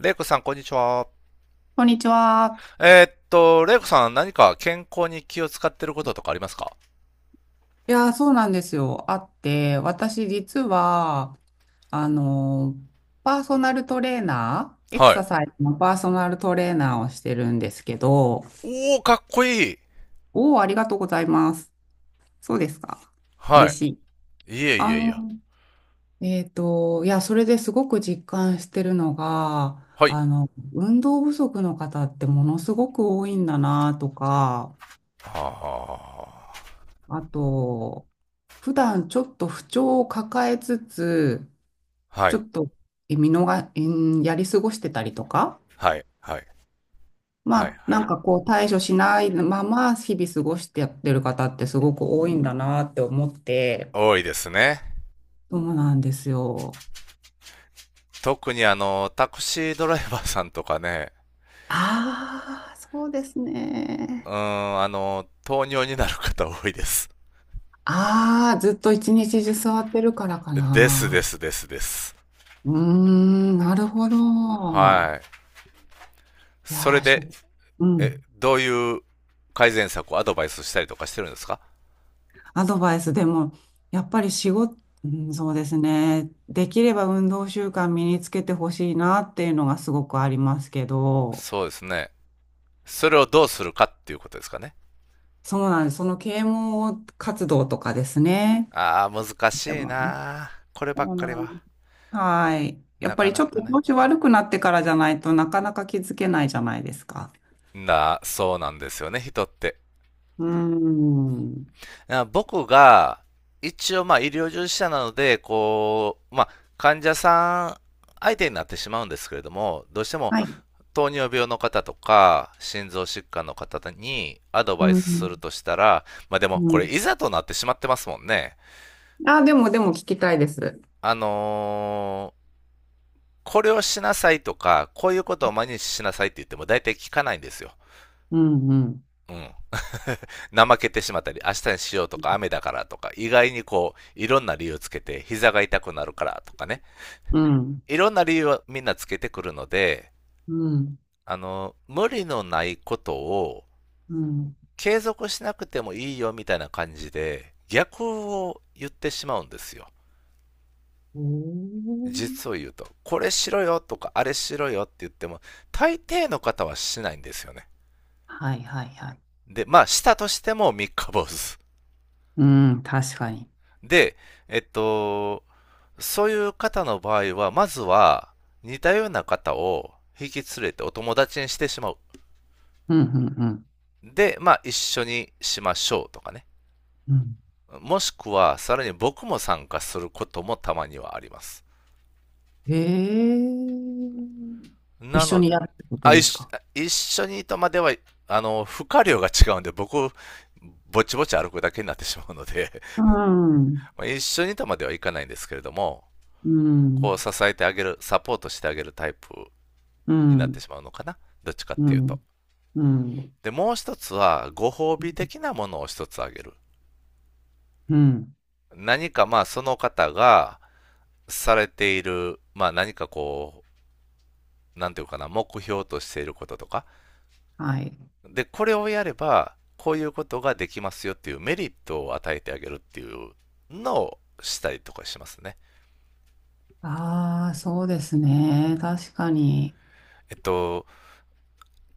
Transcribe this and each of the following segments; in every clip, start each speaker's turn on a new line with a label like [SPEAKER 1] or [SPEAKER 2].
[SPEAKER 1] レイコさん、こんにちは。
[SPEAKER 2] こんにちは。
[SPEAKER 1] レイコさん、何か健康に気を使ってることとかありますか？
[SPEAKER 2] いやー、そうなんですよ。あって、私実は、あのー、パーソナルトレーナー、エク
[SPEAKER 1] はい。
[SPEAKER 2] ササイズのパーソナルトレーナーをしてるんですけど、
[SPEAKER 1] おー、かっこいい。
[SPEAKER 2] おお、ありがとうございます。そうですか。
[SPEAKER 1] は
[SPEAKER 2] 嬉
[SPEAKER 1] い。
[SPEAKER 2] しい。
[SPEAKER 1] いえい
[SPEAKER 2] あ
[SPEAKER 1] えいえ。
[SPEAKER 2] のいや、それですごく実感してるのが、
[SPEAKER 1] はい。
[SPEAKER 2] 運動不足の方ってものすごく多いんだなとか、
[SPEAKER 1] は
[SPEAKER 2] あと、普段ちょっと不調を抱えつつ、
[SPEAKER 1] あ。は
[SPEAKER 2] ちょ
[SPEAKER 1] い。
[SPEAKER 2] っとえ見逃、えーやり過ごしてたりとか、
[SPEAKER 1] はい。はい。
[SPEAKER 2] ま
[SPEAKER 1] はい。
[SPEAKER 2] あ、
[SPEAKER 1] は
[SPEAKER 2] なん
[SPEAKER 1] い。
[SPEAKER 2] かこう対処しないまま日々過ごしてやってる方ってすごく多いんだなって思って、
[SPEAKER 1] 多いですね。
[SPEAKER 2] そうなんですよ。
[SPEAKER 1] 特にタクシードライバーさんとかね、
[SPEAKER 2] ああ、そうです
[SPEAKER 1] うー
[SPEAKER 2] ね。
[SPEAKER 1] ん、糖尿になる方多いです。
[SPEAKER 2] ああ、ずっと一日中座ってるからか
[SPEAKER 1] ですで
[SPEAKER 2] な。
[SPEAKER 1] すですです。
[SPEAKER 2] うーん、なるほど。
[SPEAKER 1] はい。
[SPEAKER 2] い
[SPEAKER 1] そ
[SPEAKER 2] や
[SPEAKER 1] れ
[SPEAKER 2] ー、
[SPEAKER 1] で、
[SPEAKER 2] う
[SPEAKER 1] え、
[SPEAKER 2] ん。
[SPEAKER 1] どういう改善策をアドバイスしたりとかしてるんですか？
[SPEAKER 2] アドバイスでも、やっぱり仕事、うんそうですね。できれば運動習慣身につけてほしいなっていうのがすごくありますけど、
[SPEAKER 1] そうですね。それをどうするかっていうことですかね。
[SPEAKER 2] そうなんです。その啓蒙活動とかですね。
[SPEAKER 1] ああ、難
[SPEAKER 2] で
[SPEAKER 1] しい
[SPEAKER 2] もね。
[SPEAKER 1] なあこればっ
[SPEAKER 2] そう
[SPEAKER 1] かり
[SPEAKER 2] なん
[SPEAKER 1] は。
[SPEAKER 2] です。はい。やっ
[SPEAKER 1] な
[SPEAKER 2] ぱ
[SPEAKER 1] か
[SPEAKER 2] り
[SPEAKER 1] な
[SPEAKER 2] ちょっと
[SPEAKER 1] かね。
[SPEAKER 2] 調子悪くなってからじゃないとなかなか気づけないじゃないですか。
[SPEAKER 1] な、そうなんですよね、人って。
[SPEAKER 2] うーん。
[SPEAKER 1] 僕が、一応まあ医療従事者なので、こう、まあ患者さん相手になってしまうんですけれども、どうしても
[SPEAKER 2] はい。
[SPEAKER 1] 糖尿病の方とか、心臓疾患の方にアド
[SPEAKER 2] う
[SPEAKER 1] バイスする
[SPEAKER 2] ん。
[SPEAKER 1] としたら、まあでも
[SPEAKER 2] う
[SPEAKER 1] こ
[SPEAKER 2] ん。
[SPEAKER 1] れいざとなってしまってますもんね。
[SPEAKER 2] あ、でも聞きたいです。
[SPEAKER 1] あのこれをしなさいとか、こういうことを毎日しなさいって言っても大体聞かないんですよ。
[SPEAKER 2] うん、うん。
[SPEAKER 1] うん。怠けてしまったり、明日にしようとか、雨だからとか、意外にこう、いろんな理由つけて、膝が痛くなるからとかね。
[SPEAKER 2] うん。
[SPEAKER 1] いろんな理由をみんなつけてくるので、
[SPEAKER 2] うん。
[SPEAKER 1] 無理のないことを
[SPEAKER 2] うん。
[SPEAKER 1] 継続しなくてもいいよみたいな感じで、逆を言ってしまうんですよ。
[SPEAKER 2] お
[SPEAKER 1] 実
[SPEAKER 2] ー
[SPEAKER 1] を言うと、これしろよとか、あれしろよって言っても、大抵の方はしないんですよね。
[SPEAKER 2] はいはいはい。
[SPEAKER 1] で、まあ、したとしても三日坊主。
[SPEAKER 2] うん、確かに。
[SPEAKER 1] で、えっと、そういう方の場合は、まずは、似たような方を引き連れてお友達にしてしまう。
[SPEAKER 2] うん、うん、うん。
[SPEAKER 1] で、まあ、一緒にしましょうとかね。
[SPEAKER 2] うん
[SPEAKER 1] もしくは、さらに僕も参加することもたまにはあります。
[SPEAKER 2] へえ。一
[SPEAKER 1] な
[SPEAKER 2] 緒
[SPEAKER 1] の
[SPEAKER 2] に
[SPEAKER 1] で、
[SPEAKER 2] やるってこと
[SPEAKER 1] あ、
[SPEAKER 2] で
[SPEAKER 1] 一
[SPEAKER 2] す
[SPEAKER 1] 緒
[SPEAKER 2] か？
[SPEAKER 1] 一緒にとまでは、負荷量が違うんで、僕、ぼちぼち歩くだけになってしまうので、
[SPEAKER 2] うん、
[SPEAKER 1] 一緒にとまではいかないんですけれども、
[SPEAKER 2] う
[SPEAKER 1] こう
[SPEAKER 2] ん、
[SPEAKER 1] 支えてあげる、サポートしてあげるタイプ
[SPEAKER 2] う
[SPEAKER 1] になって
[SPEAKER 2] ん、
[SPEAKER 1] しまうのかな。どっちかって
[SPEAKER 2] う
[SPEAKER 1] いうと。
[SPEAKER 2] ん、うん、
[SPEAKER 1] で、もう一つは、ご褒美的なものを一つあげる。
[SPEAKER 2] うん。
[SPEAKER 1] 何かまあ、その方がされている、まあ何かこう、なんていうかな、目標としていることとか。
[SPEAKER 2] はい。
[SPEAKER 1] で、これをやれば、こういうことができますよっていうメリットを与えてあげるっていうのをしたりとかしますね。
[SPEAKER 2] ああ、そうですね。確かに。
[SPEAKER 1] えっと、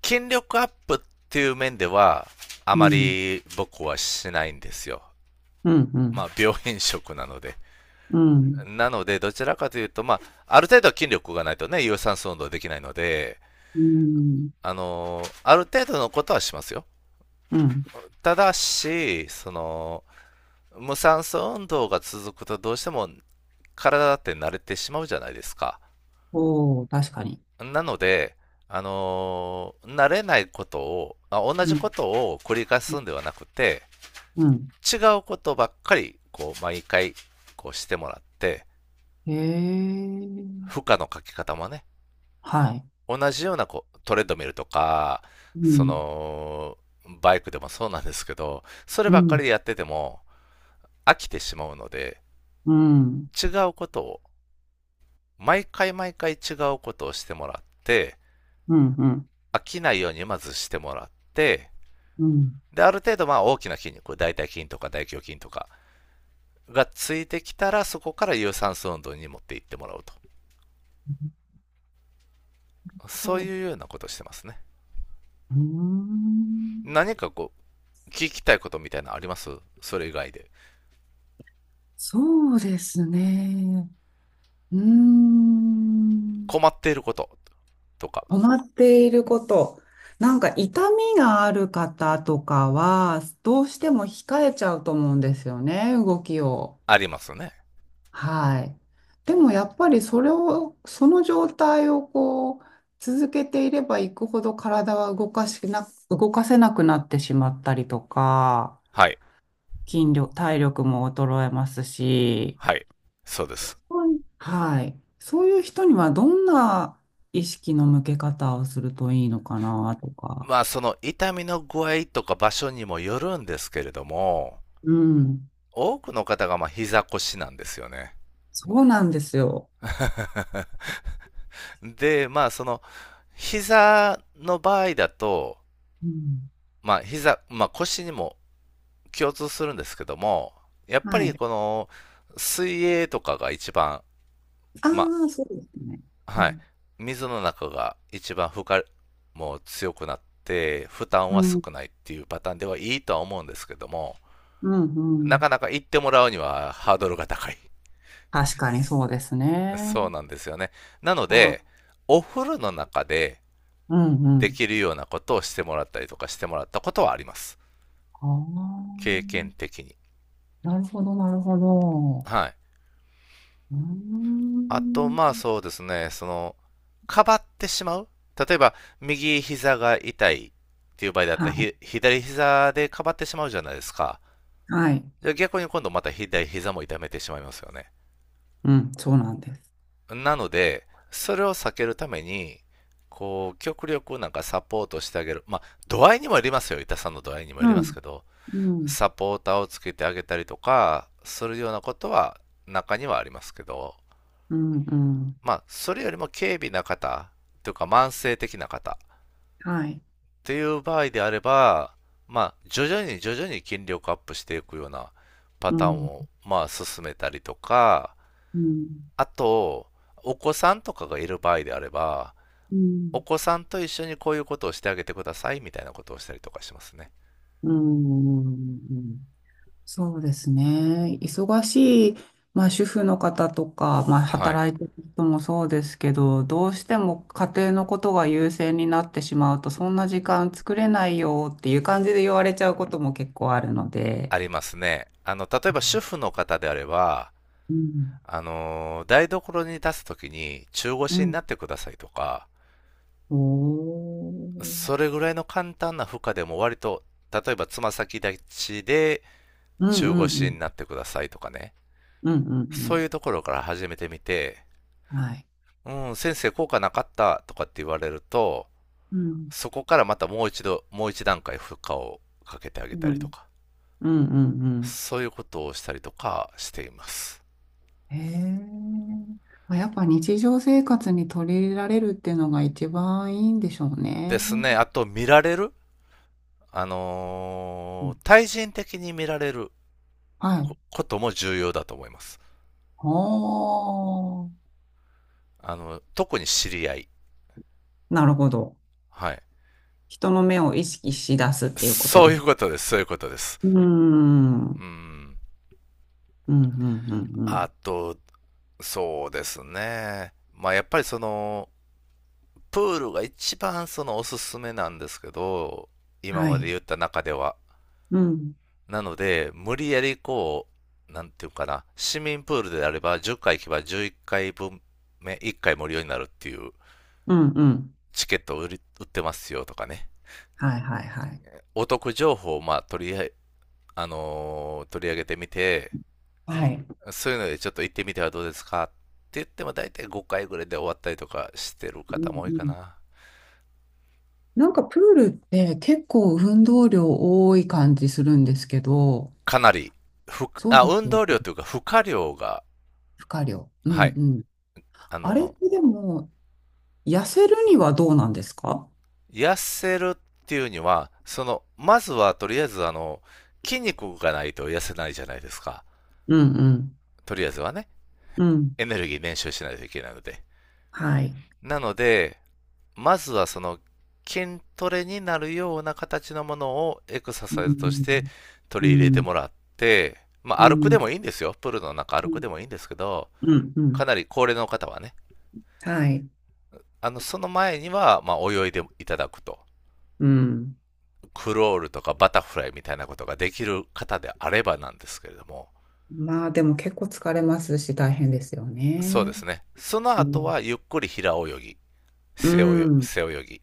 [SPEAKER 1] 筋力アップっていう面では、あ
[SPEAKER 2] う
[SPEAKER 1] ま
[SPEAKER 2] ん、
[SPEAKER 1] り僕はしないんですよ。
[SPEAKER 2] うん、う
[SPEAKER 1] まあ、
[SPEAKER 2] ん、
[SPEAKER 1] 病変色なので。
[SPEAKER 2] うん、
[SPEAKER 1] なので、どちらかというと、まあ、ある程度は筋力がないとね、有酸素運動できないので、
[SPEAKER 2] うん、
[SPEAKER 1] ある程度のことはしますよ。
[SPEAKER 2] うん。
[SPEAKER 1] ただし、その、無酸素運動が続くとどうしても体だって慣れてしまうじゃないですか。
[SPEAKER 2] おお、確かに。
[SPEAKER 1] なので、慣れないことを、まあ同
[SPEAKER 2] う
[SPEAKER 1] じこ
[SPEAKER 2] ん、
[SPEAKER 1] とを繰り返すんではなくて、
[SPEAKER 2] うん。
[SPEAKER 1] 違うことばっかり、こう、毎回、こうしてもらって、
[SPEAKER 2] へ
[SPEAKER 1] 負
[SPEAKER 2] え。
[SPEAKER 1] 荷のかけ方もね、
[SPEAKER 2] はい。
[SPEAKER 1] 同じようなこうトレッドミルとか、
[SPEAKER 2] う
[SPEAKER 1] そ
[SPEAKER 2] ん、
[SPEAKER 1] の、バイクでもそうなんですけど、それ
[SPEAKER 2] う
[SPEAKER 1] ばっかり
[SPEAKER 2] ん、
[SPEAKER 1] でやってても飽きてしまうので、
[SPEAKER 2] うん、
[SPEAKER 1] 違うことを、毎回毎回違うことをしてもらって、
[SPEAKER 2] うん、うん、
[SPEAKER 1] 飽きないようにまずしてもらって、
[SPEAKER 2] うん。
[SPEAKER 1] で、ある程度まあ大きな筋肉、大腿筋とか大胸筋とかがついてきたら、そこから有酸素運動に持っていってもらうと。
[SPEAKER 2] そう
[SPEAKER 1] そう
[SPEAKER 2] で
[SPEAKER 1] いう
[SPEAKER 2] す。
[SPEAKER 1] ようなことをしてますね。
[SPEAKER 2] うーん。
[SPEAKER 1] 何かこう、聞きたいことみたいなのあります？それ以外で。
[SPEAKER 2] そうですね。うーん。
[SPEAKER 1] 困っていることとか
[SPEAKER 2] 困っていること。なんか痛みがある方とかは、どうしても控えちゃうと思うんですよね、動きを。
[SPEAKER 1] ありますね。
[SPEAKER 2] はい。でもやっぱりそれを、その状態をこう、続けていればいくほど体は動かせなくなってしまったりとか、
[SPEAKER 1] はい。
[SPEAKER 2] 筋力、体力も衰えますし、
[SPEAKER 1] はい。そうで
[SPEAKER 2] そ
[SPEAKER 1] す。
[SPEAKER 2] ういはい。そういう人にはどんな意識の向け方をするといいのかなとか。
[SPEAKER 1] まあその痛みの具合とか場所にもよるんですけれども、
[SPEAKER 2] うん。
[SPEAKER 1] 多くの方がまあ膝腰なんですよね。
[SPEAKER 2] そうなんですよ。
[SPEAKER 1] で、まあその膝の場合だと、
[SPEAKER 2] うん。
[SPEAKER 1] まあ膝、まあ腰にも共通するんですけども、やっぱ
[SPEAKER 2] は
[SPEAKER 1] り
[SPEAKER 2] い。
[SPEAKER 1] この水泳とかが一番、
[SPEAKER 2] あ
[SPEAKER 1] ま、
[SPEAKER 2] あ、そうですね。う
[SPEAKER 1] はい。
[SPEAKER 2] ん。
[SPEAKER 1] 水の中が一番負荷も強くなって、負担
[SPEAKER 2] う
[SPEAKER 1] は少
[SPEAKER 2] ん。
[SPEAKER 1] ないっていうパターンではいいとは思うんですけども、
[SPEAKER 2] うん。う
[SPEAKER 1] な
[SPEAKER 2] ん
[SPEAKER 1] かなか行ってもらうにはハードルが高い。
[SPEAKER 2] 確かにそうです
[SPEAKER 1] そう
[SPEAKER 2] ね。
[SPEAKER 1] なんですよね。なの
[SPEAKER 2] は
[SPEAKER 1] で、
[SPEAKER 2] い。
[SPEAKER 1] お風呂の中で
[SPEAKER 2] うん。う
[SPEAKER 1] で
[SPEAKER 2] ん。
[SPEAKER 1] きるようなことをしてもらったりとかしてもらったことはあります。
[SPEAKER 2] あ
[SPEAKER 1] 経験的に。
[SPEAKER 2] あ。なるほど、なるほど。
[SPEAKER 1] はい。
[SPEAKER 2] うー
[SPEAKER 1] あと、ま
[SPEAKER 2] ん。
[SPEAKER 1] あそうですね、その、かばってしまう例えば、右膝が痛いっていう場合だっ
[SPEAKER 2] は
[SPEAKER 1] たら、
[SPEAKER 2] い。
[SPEAKER 1] 左膝でかばってしまうじゃないですか。
[SPEAKER 2] はい。
[SPEAKER 1] じゃあ逆に今度また左膝も痛めてしまいますよね。
[SPEAKER 2] うん。そうなんです。
[SPEAKER 1] なので、それを避けるために、こう、極力なんかサポートしてあげる。まあ、度合いにもよりますよ。痛さの度合いにもよ
[SPEAKER 2] う
[SPEAKER 1] ります
[SPEAKER 2] ん。
[SPEAKER 1] けど、
[SPEAKER 2] うん。
[SPEAKER 1] サポーターをつけてあげたりとか、するようなことは中にはありますけど、
[SPEAKER 2] うん。うん。
[SPEAKER 1] まあ、それよりも軽微な方、というか慢性的な方、っ
[SPEAKER 2] はい。
[SPEAKER 1] ていう場合であれば、まあ、徐々に徐々に筋力アップしていくようなパ
[SPEAKER 2] う
[SPEAKER 1] ターン
[SPEAKER 2] ん。
[SPEAKER 1] を、まあ、進めたりとか、
[SPEAKER 2] うん。
[SPEAKER 1] あと、お子さんとかがいる場合であれば、
[SPEAKER 2] う
[SPEAKER 1] お
[SPEAKER 2] ん。
[SPEAKER 1] 子さんと一緒にこういうことをしてあげてくださいみたいなことをしたりとかしますね。
[SPEAKER 2] うんうん。そうですね。忙しい、まあ、主婦の方とか、まあ、
[SPEAKER 1] はい。
[SPEAKER 2] 働いてる人もそうですけど、どうしても家庭のことが優先になってしまうと、そんな時間作れないよっていう感じで言われちゃうことも結構あるので。
[SPEAKER 1] ありますね。例えば主婦の方であれば、
[SPEAKER 2] うん、
[SPEAKER 1] 台所に立つときに中
[SPEAKER 2] う
[SPEAKER 1] 腰に
[SPEAKER 2] ん。
[SPEAKER 1] なってくださいとか、
[SPEAKER 2] おー。
[SPEAKER 1] それぐらいの簡単な負荷でも割と、例えばつま先立ちで
[SPEAKER 2] うん、う
[SPEAKER 1] 中
[SPEAKER 2] ん、う
[SPEAKER 1] 腰
[SPEAKER 2] ん、
[SPEAKER 1] になってくださいとかね。
[SPEAKER 2] うん、うん、う
[SPEAKER 1] そう
[SPEAKER 2] ん
[SPEAKER 1] いうところから始めてみて、
[SPEAKER 2] はい。
[SPEAKER 1] うん、先生効果なかったとかって言われると、
[SPEAKER 2] うん、
[SPEAKER 1] そこからまたもう一度、もう一段階負荷をかけてあ
[SPEAKER 2] う
[SPEAKER 1] げたりと
[SPEAKER 2] ん、
[SPEAKER 1] か、
[SPEAKER 2] うん、うん、うん。
[SPEAKER 1] そういうことをしたりとかしています。
[SPEAKER 2] へえ。まあやっぱ日常生活に取り入れられるっていうのが一番いいんでしょう
[SPEAKER 1] で
[SPEAKER 2] ね。
[SPEAKER 1] すね。あと、見られる
[SPEAKER 2] うん
[SPEAKER 1] 対人的に見られる
[SPEAKER 2] は
[SPEAKER 1] こ
[SPEAKER 2] い。
[SPEAKER 1] ことも重要だと思います。
[SPEAKER 2] おー。
[SPEAKER 1] 特に知り合い。
[SPEAKER 2] なるほど。
[SPEAKER 1] はい。
[SPEAKER 2] 人の目を意識し出すっていうこと
[SPEAKER 1] そう
[SPEAKER 2] で
[SPEAKER 1] い
[SPEAKER 2] す。
[SPEAKER 1] うことです。そういうことです。
[SPEAKER 2] うーん。う
[SPEAKER 1] う
[SPEAKER 2] ん、
[SPEAKER 1] ん。
[SPEAKER 2] うん、うん、う
[SPEAKER 1] あ
[SPEAKER 2] ん。
[SPEAKER 1] と、そうですね。まあ、やっぱりその、プールが一番そのおすすめなんですけど、今
[SPEAKER 2] は
[SPEAKER 1] まで
[SPEAKER 2] い。
[SPEAKER 1] 言った中では、
[SPEAKER 2] うん、
[SPEAKER 1] なので、無理やりこう、なんていうかな、市民プールであれば10回行けば11回分目、1回無料になるっていう
[SPEAKER 2] うん、うん。
[SPEAKER 1] チケットを売ってますよとかね。
[SPEAKER 2] はい、はい、はい。
[SPEAKER 1] お得情報をまあ取りあ取り上げてみて、
[SPEAKER 2] はい。
[SPEAKER 1] そういうのでちょっと行ってみてはどうですかって言っても大体5回ぐらいで終わったりとかしてる
[SPEAKER 2] うん
[SPEAKER 1] 方も多いか
[SPEAKER 2] うん
[SPEAKER 1] な。
[SPEAKER 2] なんかプールって結構運動量多い感じするんですけど、
[SPEAKER 1] かなり、ふく
[SPEAKER 2] そう
[SPEAKER 1] あ
[SPEAKER 2] で
[SPEAKER 1] 運
[SPEAKER 2] すよ。
[SPEAKER 1] 動量というか負荷量が、
[SPEAKER 2] 負荷量。う
[SPEAKER 1] は
[SPEAKER 2] ん
[SPEAKER 1] い、
[SPEAKER 2] うん。
[SPEAKER 1] あ
[SPEAKER 2] あれっ
[SPEAKER 1] のー
[SPEAKER 2] てでも、痩せるにはどうなんですか？
[SPEAKER 1] 痩せるっていうには、その、まずはとりあえず筋肉がないと痩せないじゃないですか。
[SPEAKER 2] うんうん。
[SPEAKER 1] とりあえずはね、
[SPEAKER 2] うん。
[SPEAKER 1] エネルギー練習しないといけないので。
[SPEAKER 2] はい。
[SPEAKER 1] なので、まずはその筋トレになるような形のものをエクサ
[SPEAKER 2] う
[SPEAKER 1] サイズとして
[SPEAKER 2] ん。う
[SPEAKER 1] 取り入れても
[SPEAKER 2] ん。
[SPEAKER 1] らって、ま
[SPEAKER 2] う
[SPEAKER 1] あ歩くでも
[SPEAKER 2] ん。
[SPEAKER 1] いいんですよ。プールの中歩
[SPEAKER 2] う
[SPEAKER 1] く
[SPEAKER 2] ん。
[SPEAKER 1] でもいいんですけど、
[SPEAKER 2] うん。う
[SPEAKER 1] か
[SPEAKER 2] ん
[SPEAKER 1] なり高齢の方はね、
[SPEAKER 2] はい。
[SPEAKER 1] その前には、まあ泳いでいただくと。
[SPEAKER 2] うん。
[SPEAKER 1] クロールとかバタフライみたいなことができる方であればなんですけれども、
[SPEAKER 2] まあでも結構疲れますし大変ですよ
[SPEAKER 1] そうで
[SPEAKER 2] ね。
[SPEAKER 1] すね。その
[SPEAKER 2] う
[SPEAKER 1] 後
[SPEAKER 2] ん。
[SPEAKER 1] はゆっくり平泳ぎ、
[SPEAKER 2] う
[SPEAKER 1] 背
[SPEAKER 2] ん。
[SPEAKER 1] 泳ぎ。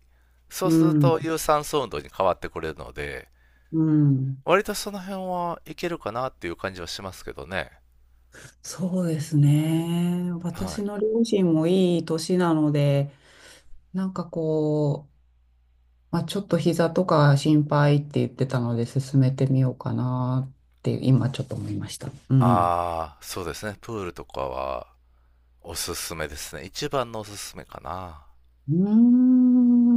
[SPEAKER 1] そう
[SPEAKER 2] う
[SPEAKER 1] すると
[SPEAKER 2] ん。
[SPEAKER 1] 有酸素運動に変わってくれるので、
[SPEAKER 2] うん
[SPEAKER 1] 割とその辺はいけるかなっていう感じはしますけどね。
[SPEAKER 2] そうですね。
[SPEAKER 1] は
[SPEAKER 2] 私
[SPEAKER 1] い。
[SPEAKER 2] の両親もいい年なので、なんかこう、まあ、ちょっと膝とか心配って言ってたので、進めてみようかなって今ちょっと思いました。うん。
[SPEAKER 1] ああ、そうですね。プールとかはおすすめですね。一番のおすすめかな。
[SPEAKER 2] うー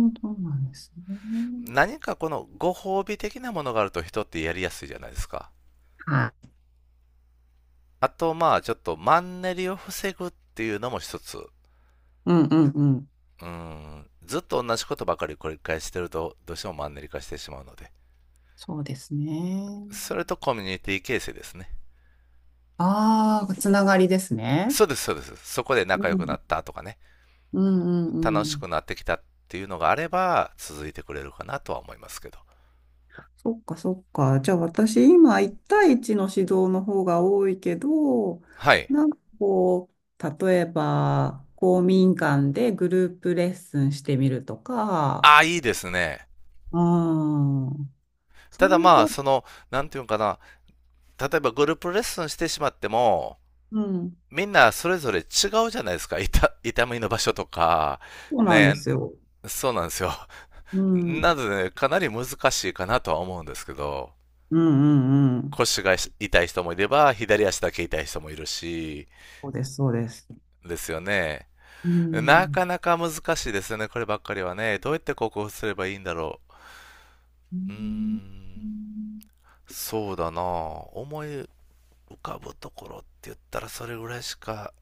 [SPEAKER 2] ん、そうなんですね。
[SPEAKER 1] 何かこのご褒美的なものがあると人ってやりやすいじゃないですか。
[SPEAKER 2] はい。
[SPEAKER 1] あと、まあ、ちょっとマンネリを防ぐっていうのも一つ。う
[SPEAKER 2] うんうんうん。
[SPEAKER 1] ん、ずっと同じことばかり繰り返してると、どうしてもマンネリ化してしまうので。
[SPEAKER 2] そうですね。
[SPEAKER 1] それとコミュニティ形成ですね。
[SPEAKER 2] ああ、つながりですね。
[SPEAKER 1] そうです、そうです。そこで
[SPEAKER 2] う
[SPEAKER 1] 仲良く
[SPEAKER 2] ん、
[SPEAKER 1] なったとかね、
[SPEAKER 2] うんうん
[SPEAKER 1] 楽
[SPEAKER 2] う
[SPEAKER 1] しく
[SPEAKER 2] ん。
[SPEAKER 1] なってきたっていうのがあれば、続いてくれるかなとは思いますけど。
[SPEAKER 2] そっかそっか。じゃあ私今1対1の指導の方が多いけど、
[SPEAKER 1] はい。
[SPEAKER 2] なんかこう、例えば公民館でグループレッスンしてみるとか、
[SPEAKER 1] ああ、いいですね。
[SPEAKER 2] うん、そ
[SPEAKER 1] た
[SPEAKER 2] う
[SPEAKER 1] だ
[SPEAKER 2] いう
[SPEAKER 1] まあ、
[SPEAKER 2] こ
[SPEAKER 1] その、なんていうのかな、例えばグループレッスンしてしまっても、
[SPEAKER 2] う、うん、
[SPEAKER 1] みんなそれぞれ違うじゃないですか。痛みの場所とか、
[SPEAKER 2] そうなんで
[SPEAKER 1] ね、
[SPEAKER 2] すよ。
[SPEAKER 1] そうなんですよ。
[SPEAKER 2] うん、うん
[SPEAKER 1] なので、ね、かなり難しいかなとは思うんですけど、
[SPEAKER 2] うんうん。
[SPEAKER 1] 腰が痛い人もいれば、左足だけ痛い人もいるし、
[SPEAKER 2] そうです、そうです。
[SPEAKER 1] ですよね。
[SPEAKER 2] う
[SPEAKER 1] な
[SPEAKER 2] ん。
[SPEAKER 1] かなか難しいですよね、こればっかりはね。どうやって克服すればいいんだろ
[SPEAKER 2] う
[SPEAKER 1] う。うー
[SPEAKER 2] ん。う
[SPEAKER 1] ん、
[SPEAKER 2] ん。
[SPEAKER 1] そうだなぁ思い浮かぶところって言ったらそれぐらいしか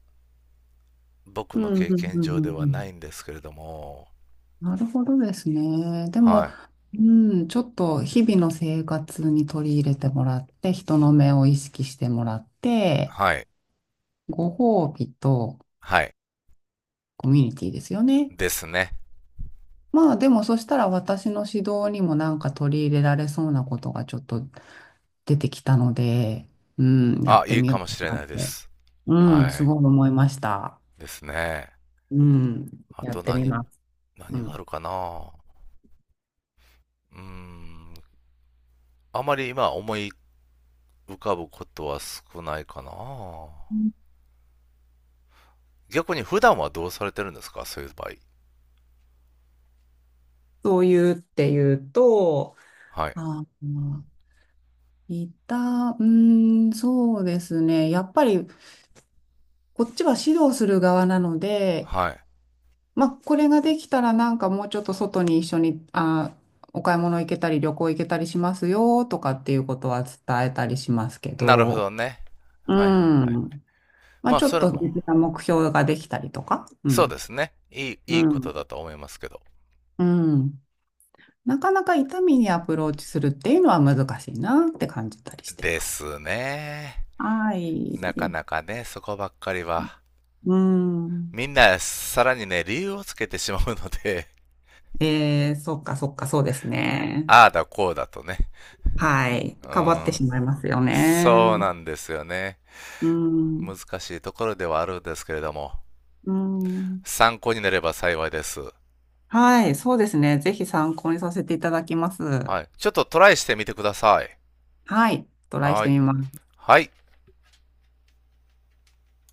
[SPEAKER 1] 僕
[SPEAKER 2] う
[SPEAKER 1] の
[SPEAKER 2] ん
[SPEAKER 1] 経
[SPEAKER 2] うん
[SPEAKER 1] 験
[SPEAKER 2] う
[SPEAKER 1] 上ではない
[SPEAKER 2] ん
[SPEAKER 1] んですけれども。
[SPEAKER 2] なるほどですね。で
[SPEAKER 1] は
[SPEAKER 2] も、
[SPEAKER 1] い。
[SPEAKER 2] うん、ちょっと日々の生活に取り入れてもらって、人の目を意識してもらって、
[SPEAKER 1] はい。
[SPEAKER 2] ご褒美と
[SPEAKER 1] はい。
[SPEAKER 2] コミュニティですよね。
[SPEAKER 1] ですね。
[SPEAKER 2] まあでもそしたら私の指導にもなんか取り入れられそうなことがちょっと出てきたので、うん、やっ
[SPEAKER 1] あ、
[SPEAKER 2] て
[SPEAKER 1] いい
[SPEAKER 2] みよ
[SPEAKER 1] か
[SPEAKER 2] う
[SPEAKER 1] もしれ
[SPEAKER 2] かな
[SPEAKER 1] な
[SPEAKER 2] っ
[SPEAKER 1] いで
[SPEAKER 2] て、
[SPEAKER 1] す。
[SPEAKER 2] う
[SPEAKER 1] は
[SPEAKER 2] ん、す
[SPEAKER 1] い。
[SPEAKER 2] ごい思いました。
[SPEAKER 1] ですね。
[SPEAKER 2] うん、
[SPEAKER 1] あ
[SPEAKER 2] やっ
[SPEAKER 1] と
[SPEAKER 2] てみ
[SPEAKER 1] 何、
[SPEAKER 2] ます。う
[SPEAKER 1] 何があ
[SPEAKER 2] ん。
[SPEAKER 1] るかな。うーん。あまり今思い浮かぶことは少ないかな。逆に普段はどうされてるんですか？そういう場合。
[SPEAKER 2] そういうっていうと、
[SPEAKER 1] はい。
[SPEAKER 2] あー、うーん、そうですね。やっぱり、こっちは指導する側なので、
[SPEAKER 1] はい。
[SPEAKER 2] まあ、これができたらなんかもうちょっと外に一緒に、あー、お買い物行けたり、旅行行けたりしますよとかっていうことは伝えたりしますけ
[SPEAKER 1] なるほど
[SPEAKER 2] ど、
[SPEAKER 1] ね。
[SPEAKER 2] う
[SPEAKER 1] はいはいはい。
[SPEAKER 2] ん。まあ、
[SPEAKER 1] まあ、
[SPEAKER 2] ちょっ
[SPEAKER 1] それ
[SPEAKER 2] と
[SPEAKER 1] も、
[SPEAKER 2] 別な目標ができたりとか、う
[SPEAKER 1] そうで
[SPEAKER 2] ん。
[SPEAKER 1] すね。いい、
[SPEAKER 2] う
[SPEAKER 1] いいこと
[SPEAKER 2] ん。
[SPEAKER 1] だと思いますけど。
[SPEAKER 2] うん。なかなか痛みにアプローチするっていうのは難しいなって感じたりして
[SPEAKER 1] で
[SPEAKER 2] ます。
[SPEAKER 1] すね。
[SPEAKER 2] は
[SPEAKER 1] なかな
[SPEAKER 2] い。
[SPEAKER 1] かね、そこばっかりは。
[SPEAKER 2] うん。
[SPEAKER 1] みんな、さらにね、理由をつけてしまうので、
[SPEAKER 2] えー、そっかそっか、そうです ね。
[SPEAKER 1] ああだこうだとね。
[SPEAKER 2] はい。
[SPEAKER 1] う
[SPEAKER 2] かばって
[SPEAKER 1] ん。
[SPEAKER 2] しまいますよね。
[SPEAKER 1] そうなんですよね。
[SPEAKER 2] うん。
[SPEAKER 1] 難しいところではあるんですけれども、
[SPEAKER 2] うん。
[SPEAKER 1] 参考になれば幸いです。
[SPEAKER 2] はい。そうですね。ぜひ参考にさせていただきます。
[SPEAKER 1] はい。ちょっとトライしてみてください。
[SPEAKER 2] はい。トライし
[SPEAKER 1] は
[SPEAKER 2] て
[SPEAKER 1] い。
[SPEAKER 2] みます。
[SPEAKER 1] はい。